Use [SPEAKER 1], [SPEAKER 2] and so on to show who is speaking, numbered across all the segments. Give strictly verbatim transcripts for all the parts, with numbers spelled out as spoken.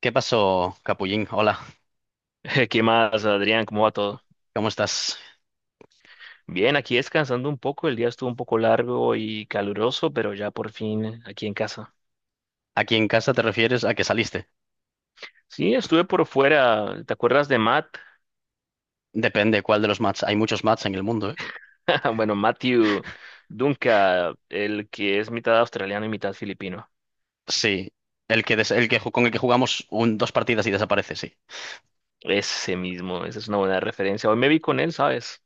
[SPEAKER 1] ¿Qué pasó, Capullín? Hola,
[SPEAKER 2] ¿Qué más, Adrián? ¿Cómo va todo?
[SPEAKER 1] ¿cómo estás?
[SPEAKER 2] Bien, aquí descansando un poco. El día estuvo un poco largo y caluroso, pero ya por fin aquí en casa.
[SPEAKER 1] Aquí en casa te refieres a que saliste.
[SPEAKER 2] Sí, estuve por fuera. ¿Te acuerdas de Matt?
[SPEAKER 1] Depende cuál de los mats. Hay muchos mats en el mundo, ¿eh?
[SPEAKER 2] Bueno, Matthew Dunca, el que es mitad australiano y mitad filipino.
[SPEAKER 1] Sí, el que, des- el que ju- con el que jugamos un, dos partidas y desaparece, sí.
[SPEAKER 2] Ese mismo, esa es una buena referencia. Hoy me vi con él, ¿sabes?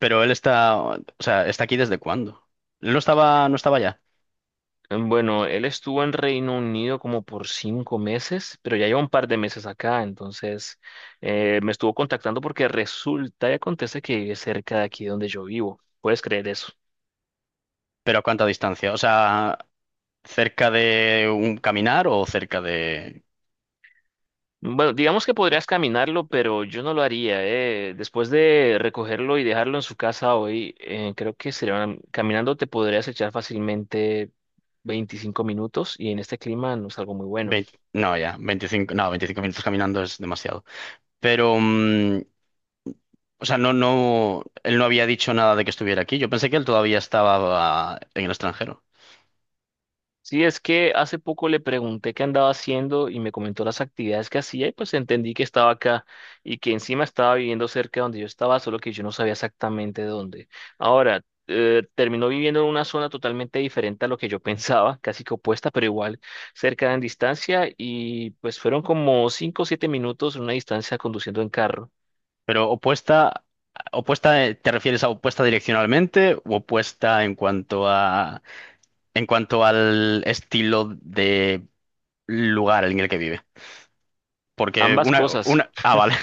[SPEAKER 1] Pero él está, o sea, ¿está aquí desde cuándo? Él no estaba, no estaba ya.
[SPEAKER 2] Bueno, él estuvo en Reino Unido como por cinco meses, pero ya lleva un par de meses acá, entonces eh, me estuvo contactando porque resulta y acontece que vive cerca de aquí donde yo vivo. ¿Puedes creer eso?
[SPEAKER 1] ¿Pero a cuánta distancia? O sea, ¿cerca de un caminar o cerca de
[SPEAKER 2] Bueno, digamos que podrías caminarlo, pero yo no lo haría. eh. Después de recogerlo y dejarlo en su casa hoy, eh, creo que serían, caminando te podrías echar fácilmente veinticinco minutos y en este clima no es algo muy bueno.
[SPEAKER 1] veinte no, ya, veinticinco, no, veinticinco minutos caminando es demasiado. Pero, mm, o sea, no, no, él no había dicho nada de que estuviera aquí. Yo pensé que él todavía estaba ah, en el extranjero.
[SPEAKER 2] Sí, es que hace poco le pregunté qué andaba haciendo y me comentó las actividades que hacía y pues entendí que estaba acá y que encima estaba viviendo cerca de donde yo estaba, solo que yo no sabía exactamente dónde. Ahora, eh, terminó viviendo en una zona totalmente diferente a lo que yo pensaba, casi que opuesta, pero igual cerca en distancia y pues fueron como cinco o siete minutos en una distancia conduciendo en carro.
[SPEAKER 1] Pero opuesta, opuesta, eh, ¿te refieres a opuesta direccionalmente o opuesta en cuanto a, en cuanto al estilo de lugar en el que vive? Porque
[SPEAKER 2] Ambas
[SPEAKER 1] una,
[SPEAKER 2] cosas.
[SPEAKER 1] una, ah, vale.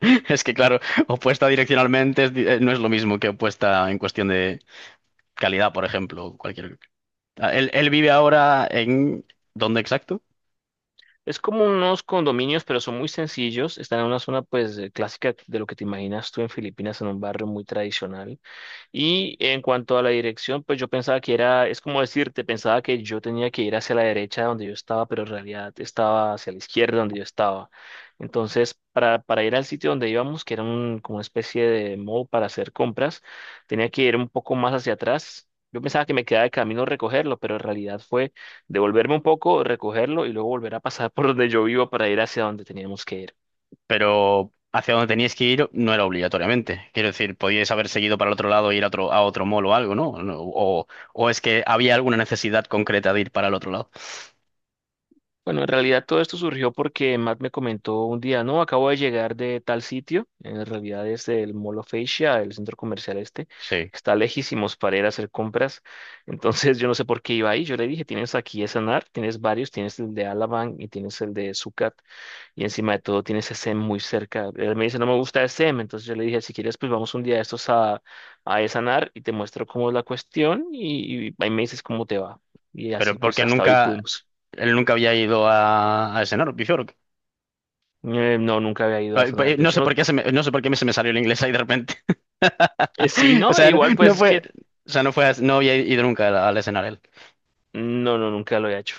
[SPEAKER 1] Es que claro, opuesta direccionalmente es di- eh, no es lo mismo que opuesta en cuestión de calidad, por ejemplo, o cualquier. Ah, Él, él vive ahora en, ¿dónde exacto?
[SPEAKER 2] Es como unos condominios, pero son muy sencillos. Están en una zona, pues, eh, clásica de lo que te imaginas tú en Filipinas, en un barrio muy tradicional. Y en cuanto a la dirección, pues yo pensaba que era, es como decirte, pensaba que yo tenía que ir hacia la derecha donde yo estaba, pero en realidad estaba hacia la izquierda donde yo estaba. Entonces, para, para ir al sitio donde íbamos, que era un, como una especie de mall para hacer compras, tenía que ir un poco más hacia atrás. Yo pensaba que me quedaba de camino recogerlo, pero en realidad fue devolverme un poco, recogerlo y luego volver a pasar por donde yo vivo para ir hacia donde teníamos que ir.
[SPEAKER 1] Pero hacia donde teníais que ir no era obligatoriamente. Quiero decir, podíais haber seguido para el otro lado e ir a otro, a otro mall o algo, ¿no? No, O, o es que había alguna necesidad concreta de ir para el otro lado.
[SPEAKER 2] Bueno, en realidad todo esto surgió porque Matt me comentó un día, no, acabo de llegar de tal sitio, en realidad es el Mall of Asia, el centro comercial este,
[SPEAKER 1] Sí,
[SPEAKER 2] está lejísimos para ir a hacer compras, entonces yo no sé por qué iba ahí, yo le dije, tienes aquí ese Sanar, tienes varios, tienes el de Alabang y tienes el de Sucat, y encima de todo tienes S M muy cerca, él me dice, no me gusta S M, entonces yo le dije, si quieres, pues vamos un día de estos a, a Sanar y te muestro cómo es la cuestión y, y ahí me dices cómo te va, y así
[SPEAKER 1] pero
[SPEAKER 2] pues
[SPEAKER 1] porque
[SPEAKER 2] hasta hoy
[SPEAKER 1] nunca,
[SPEAKER 2] pudimos.
[SPEAKER 1] él nunca había ido a, a ese Nor- Bjork.
[SPEAKER 2] Eh, no, nunca había ido a
[SPEAKER 1] Ay,
[SPEAKER 2] sonar.
[SPEAKER 1] pues,
[SPEAKER 2] De
[SPEAKER 1] no
[SPEAKER 2] hecho,
[SPEAKER 1] sé
[SPEAKER 2] no.
[SPEAKER 1] por qué se me, no sé por qué me- se me salió el inglés ahí de repente.
[SPEAKER 2] eh, sí,
[SPEAKER 1] O
[SPEAKER 2] no, e
[SPEAKER 1] sea, no,
[SPEAKER 2] igual pues
[SPEAKER 1] no
[SPEAKER 2] es
[SPEAKER 1] fue,
[SPEAKER 2] que
[SPEAKER 1] o sea, no fue, no había ido nunca al, al escenario.
[SPEAKER 2] no, no, nunca lo he hecho.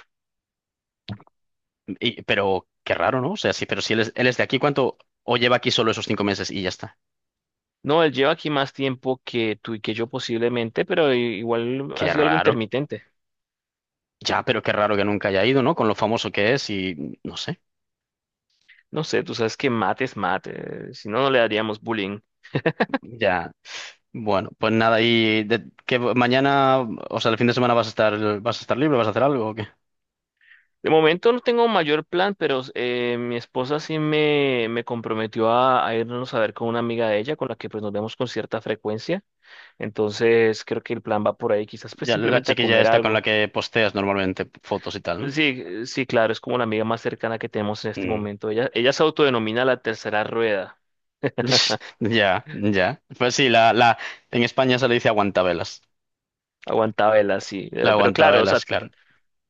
[SPEAKER 1] Y- pero qué raro, ¿no? O sea, sí, pero si él es, él es de aquí, ¿cuánto? O lleva aquí solo esos cinco meses y ya está.
[SPEAKER 2] No, él lleva aquí más tiempo que tú y que yo posiblemente, pero i- igual ha
[SPEAKER 1] Qué
[SPEAKER 2] sido algo
[SPEAKER 1] raro.
[SPEAKER 2] intermitente.
[SPEAKER 1] Ya, pero qué raro que nunca haya ido, ¿no? Con lo famoso que es y no sé.
[SPEAKER 2] No sé, tú sabes que mate es mate, eh, si no, no le daríamos bullying.
[SPEAKER 1] Ya. Bueno, pues nada, y de, que mañana, o sea, el fin de semana vas a estar, ¿vas a estar libre, vas a hacer algo o qué?
[SPEAKER 2] De momento no tengo mayor plan, pero eh, mi esposa sí me, me comprometió a, a irnos a ver con una amiga de ella, con la que pues nos vemos con cierta frecuencia. Entonces creo que el plan va por ahí, quizás pues
[SPEAKER 1] Ya, la
[SPEAKER 2] simplemente a
[SPEAKER 1] chiquilla
[SPEAKER 2] comer
[SPEAKER 1] esta con la
[SPEAKER 2] algo.
[SPEAKER 1] que posteas normalmente fotos y tal, ¿no?
[SPEAKER 2] Sí, sí, claro, es como la amiga más cercana que tenemos en este
[SPEAKER 1] Mm.
[SPEAKER 2] momento. Ella, ella se autodenomina la tercera rueda,
[SPEAKER 1] Ya, ya. Pues sí, la, la, en España se le dice aguantabelas.
[SPEAKER 2] aguantabela, sí.
[SPEAKER 1] La
[SPEAKER 2] Eh, Pero claro, o
[SPEAKER 1] aguantabelas,
[SPEAKER 2] sea,
[SPEAKER 1] claro.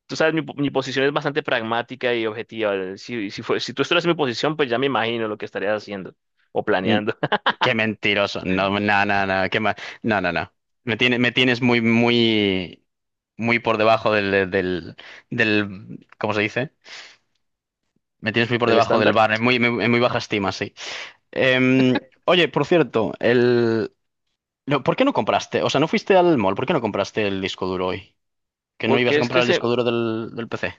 [SPEAKER 2] tú sabes, mi, po- mi posición es bastante pragmática y objetiva. Eh, Si, si, fue- si tú estuvieras en mi posición, pues ya me imagino lo que estarías haciendo o
[SPEAKER 1] Mm,
[SPEAKER 2] planeando
[SPEAKER 1] qué mentiroso. No, no, no, no, qué ma- no, no, no. Me tiene, me tienes muy, muy, muy por debajo del, del, del, ¿cómo se dice? Me tienes muy por
[SPEAKER 2] del
[SPEAKER 1] debajo del
[SPEAKER 2] estándar.
[SPEAKER 1] bar, en muy, en muy baja estima, sí. Em, oye, por cierto, el... no, ¿por qué no compraste? O sea, no fuiste al mall, ¿por qué no compraste el disco duro hoy? ¿Que no ibas a
[SPEAKER 2] Porque es que
[SPEAKER 1] comprar el disco
[SPEAKER 2] ese,
[SPEAKER 1] duro del, del P C?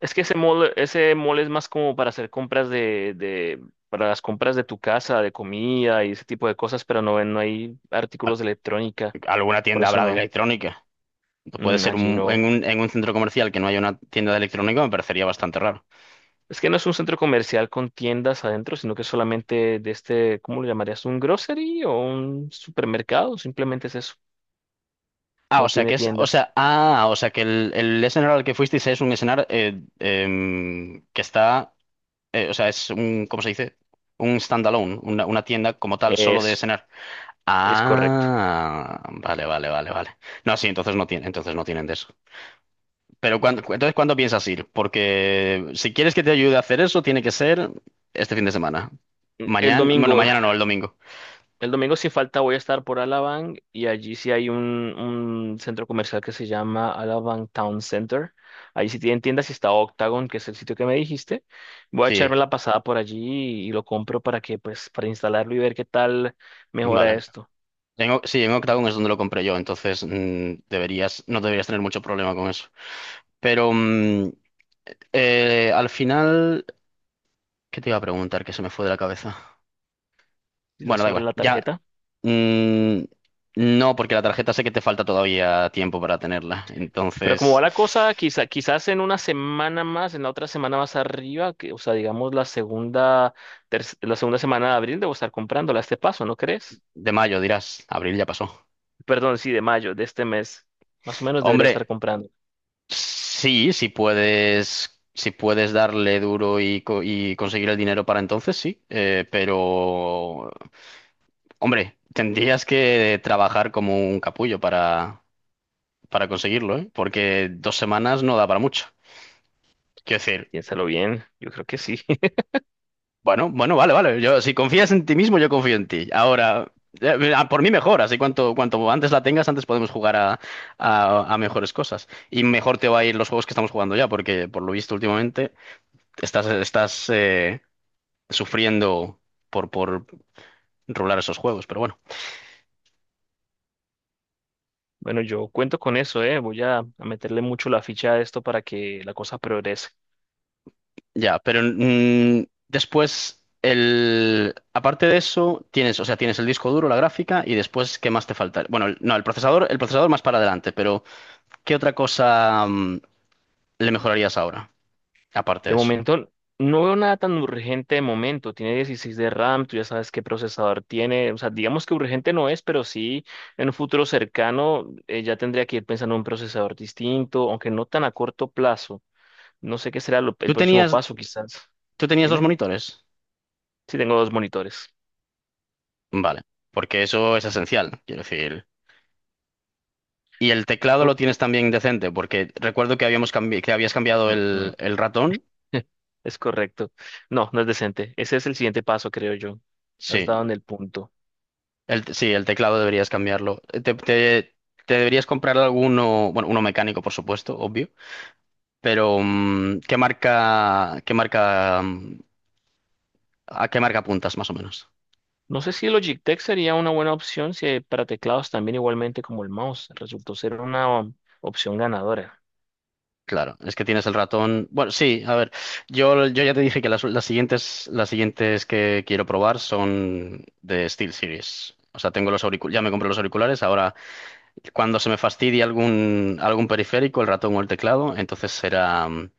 [SPEAKER 2] es que ese mall, ese mall, es más como para hacer compras de, de, para las compras de tu casa, de comida y ese tipo de cosas, pero no, no hay artículos de electrónica,
[SPEAKER 1] ¿Alguna
[SPEAKER 2] por
[SPEAKER 1] tienda
[SPEAKER 2] eso
[SPEAKER 1] habrá de
[SPEAKER 2] no.
[SPEAKER 1] electrónica? Puede
[SPEAKER 2] Mm,
[SPEAKER 1] ser
[SPEAKER 2] allí
[SPEAKER 1] un-
[SPEAKER 2] no.
[SPEAKER 1] en un, en un centro comercial que no haya una tienda de electrónica, me parecería bastante raro.
[SPEAKER 2] Es que no es un centro comercial con tiendas adentro, sino que es solamente de este, ¿cómo lo llamarías? ¿Un grocery o un supermercado? Simplemente es eso.
[SPEAKER 1] Ah, o
[SPEAKER 2] No
[SPEAKER 1] sea
[SPEAKER 2] tiene
[SPEAKER 1] que es, o
[SPEAKER 2] tiendas.
[SPEAKER 1] sea, ah, o sea que el, el escenario al que fuisteis es un escenario eh, em, que está, eh, o sea, es un, ¿cómo se dice? Un standalone, una, una tienda como tal, solo de
[SPEAKER 2] Es,
[SPEAKER 1] escenario.
[SPEAKER 2] es correcto.
[SPEAKER 1] Ah, vale, vale, vale, vale. No, sí, entonces no tienen, entonces no tienen de eso. Pero cuándo,
[SPEAKER 2] No.
[SPEAKER 1] cu- entonces, ¿cuándo piensas ir? Porque si quieres que te ayude a hacer eso, tiene que ser este fin de semana.
[SPEAKER 2] El
[SPEAKER 1] Mañana, bueno,
[SPEAKER 2] domingo,
[SPEAKER 1] mañana no, el domingo.
[SPEAKER 2] el domingo sin falta voy a estar por Alabang y allí sí hay un, un centro comercial que se llama Alabang Town Center. Ahí sí tienen tiendas y está Octagon, que es el sitio que me dijiste. Voy a
[SPEAKER 1] Sí,
[SPEAKER 2] echarme la pasada por allí y y lo compro para que, pues, para instalarlo y ver qué tal mejora
[SPEAKER 1] vale.
[SPEAKER 2] esto.
[SPEAKER 1] En O- sí, en Octagon es donde lo compré yo, entonces mm, deberías, no deberías tener mucho problema con eso. Pero mm, eh, al final, ¿qué te iba a preguntar que se me fue de la cabeza?
[SPEAKER 2] Quizás
[SPEAKER 1] Bueno, da
[SPEAKER 2] sobre
[SPEAKER 1] igual.
[SPEAKER 2] la
[SPEAKER 1] Ya,
[SPEAKER 2] tarjeta.
[SPEAKER 1] Mm, no, porque la tarjeta sé que te falta todavía tiempo para tenerla.
[SPEAKER 2] Pero como va
[SPEAKER 1] Entonces,
[SPEAKER 2] la cosa, quizá, quizás en una semana más, en la otra semana más arriba, que, o sea, digamos la segunda, terc- la segunda semana de abril debo estar comprándola a este paso, ¿no crees?
[SPEAKER 1] de mayo dirás, abril ya pasó.
[SPEAKER 2] Perdón, sí, de mayo, de este mes. Más o menos debería estar
[SPEAKER 1] Hombre,
[SPEAKER 2] comprando.
[SPEAKER 1] sí, si puedes, si puedes darle duro y, co- y conseguir el dinero para entonces, sí. Eh, pero, hombre, tendrías que trabajar como un capullo para, para conseguirlo, ¿eh? Porque dos semanas no da para mucho. Quiero decir,
[SPEAKER 2] Piénsalo bien, yo creo que sí.
[SPEAKER 1] bueno, bueno, vale, vale. Yo, si confías en ti mismo, yo confío en ti. Ahora, eh, ah, por mí mejor, así cuanto, cuanto antes la tengas, antes podemos jugar a, a- a mejores cosas. Y mejor te va a ir los juegos que estamos jugando ya, porque por lo visto últimamente estás, estás eh, sufriendo por, por rolar esos juegos, pero bueno,
[SPEAKER 2] Bueno, yo cuento con eso, ¿eh? Voy a, a, meterle mucho la ficha a esto para que la cosa progrese.
[SPEAKER 1] ya. Pero mm, después, el, aparte de eso, tienes, o sea, tienes el disco duro, la gráfica, y después, ¿qué más te falta? Bueno, el- no, el procesador, el procesador más para adelante, pero ¿qué otra cosa? mm, le mejorarías ahora, aparte
[SPEAKER 2] De
[SPEAKER 1] de eso.
[SPEAKER 2] momento, no veo nada tan urgente de momento. Tiene dieciséis de RAM, tú ya sabes qué procesador tiene. O sea, digamos que urgente no es, pero sí en un futuro cercano eh, ya tendría que ir pensando en un procesador distinto, aunque no tan a corto plazo. No sé qué será lo- el
[SPEAKER 1] ¿Tú
[SPEAKER 2] próximo
[SPEAKER 1] tenías,
[SPEAKER 2] paso, quizás.
[SPEAKER 1] ¿tú tenías dos
[SPEAKER 2] Dime.
[SPEAKER 1] monitores?
[SPEAKER 2] Sí, tengo dos monitores.
[SPEAKER 1] Vale, porque eso es esencial, quiero decir. Y el teclado
[SPEAKER 2] Uh,
[SPEAKER 1] lo tienes también decente, porque recuerdo que habíamos cambi- que habías cambiado
[SPEAKER 2] mm, mm.
[SPEAKER 1] el, el ratón.
[SPEAKER 2] Es correcto. No, no es decente. Ese es el siguiente paso, creo yo. Has
[SPEAKER 1] Sí,
[SPEAKER 2] dado en el punto.
[SPEAKER 1] el, te- sí, el teclado deberías cambiarlo. Eh, Te, te- te deberías comprar alguno, bueno, uno mecánico, por supuesto, obvio, pero mm, ¿qué marca, qué marca, mm, a qué marca apuntas más o menos?
[SPEAKER 2] No sé si Logitech sería una buena opción si eh, para teclados también igualmente como el mouse resultó ser una um, opción ganadora.
[SPEAKER 1] Claro, es que tienes el ratón. Bueno, sí, a ver, yo, yo ya te dije que las, las siguientes, las siguientes que quiero probar son de SteelSeries. O sea, tengo los auriculares, ya me compré los auriculares. Ahora, cuando se me fastidie algún, algún periférico, el ratón o el teclado, entonces será. mm,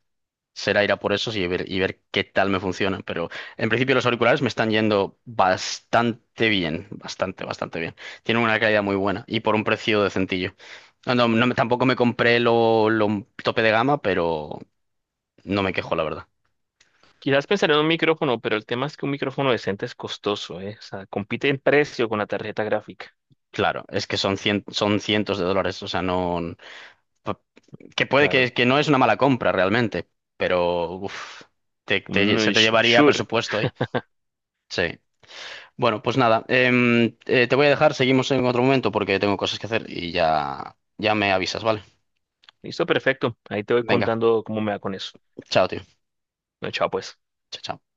[SPEAKER 1] será ir a por esos y ver, y ver qué tal me funcionan. Pero en principio los auriculares me están yendo bastante bien, bastante, bastante bien. Tienen una calidad muy buena y por un precio decentillo. No, no, no me- tampoco me compré lo, lo tope de gama, pero no me quejo, la verdad.
[SPEAKER 2] Quizás pensar en un micrófono, pero el tema es que un micrófono decente es costoso, ¿eh? O sea, compite en precio con la tarjeta gráfica.
[SPEAKER 1] Claro, es que son, cien- son cientos de dólares, o sea, no... pa- que puede
[SPEAKER 2] Claro.
[SPEAKER 1] que, que no es una mala compra realmente, pero uf, te- te- se
[SPEAKER 2] Mm,
[SPEAKER 1] te
[SPEAKER 2] sh-
[SPEAKER 1] llevaría
[SPEAKER 2] sure.
[SPEAKER 1] presupuesto ahí. Sí. Bueno, pues nada, em, eh, te voy a dejar, seguimos en otro momento porque tengo cosas que hacer y ya, ya me avisas, ¿vale?
[SPEAKER 2] Listo, perfecto. Ahí te voy
[SPEAKER 1] Venga,
[SPEAKER 2] contando cómo me va con eso.
[SPEAKER 1] chao, tío.
[SPEAKER 2] No, chao, pues.
[SPEAKER 1] Chao, chao.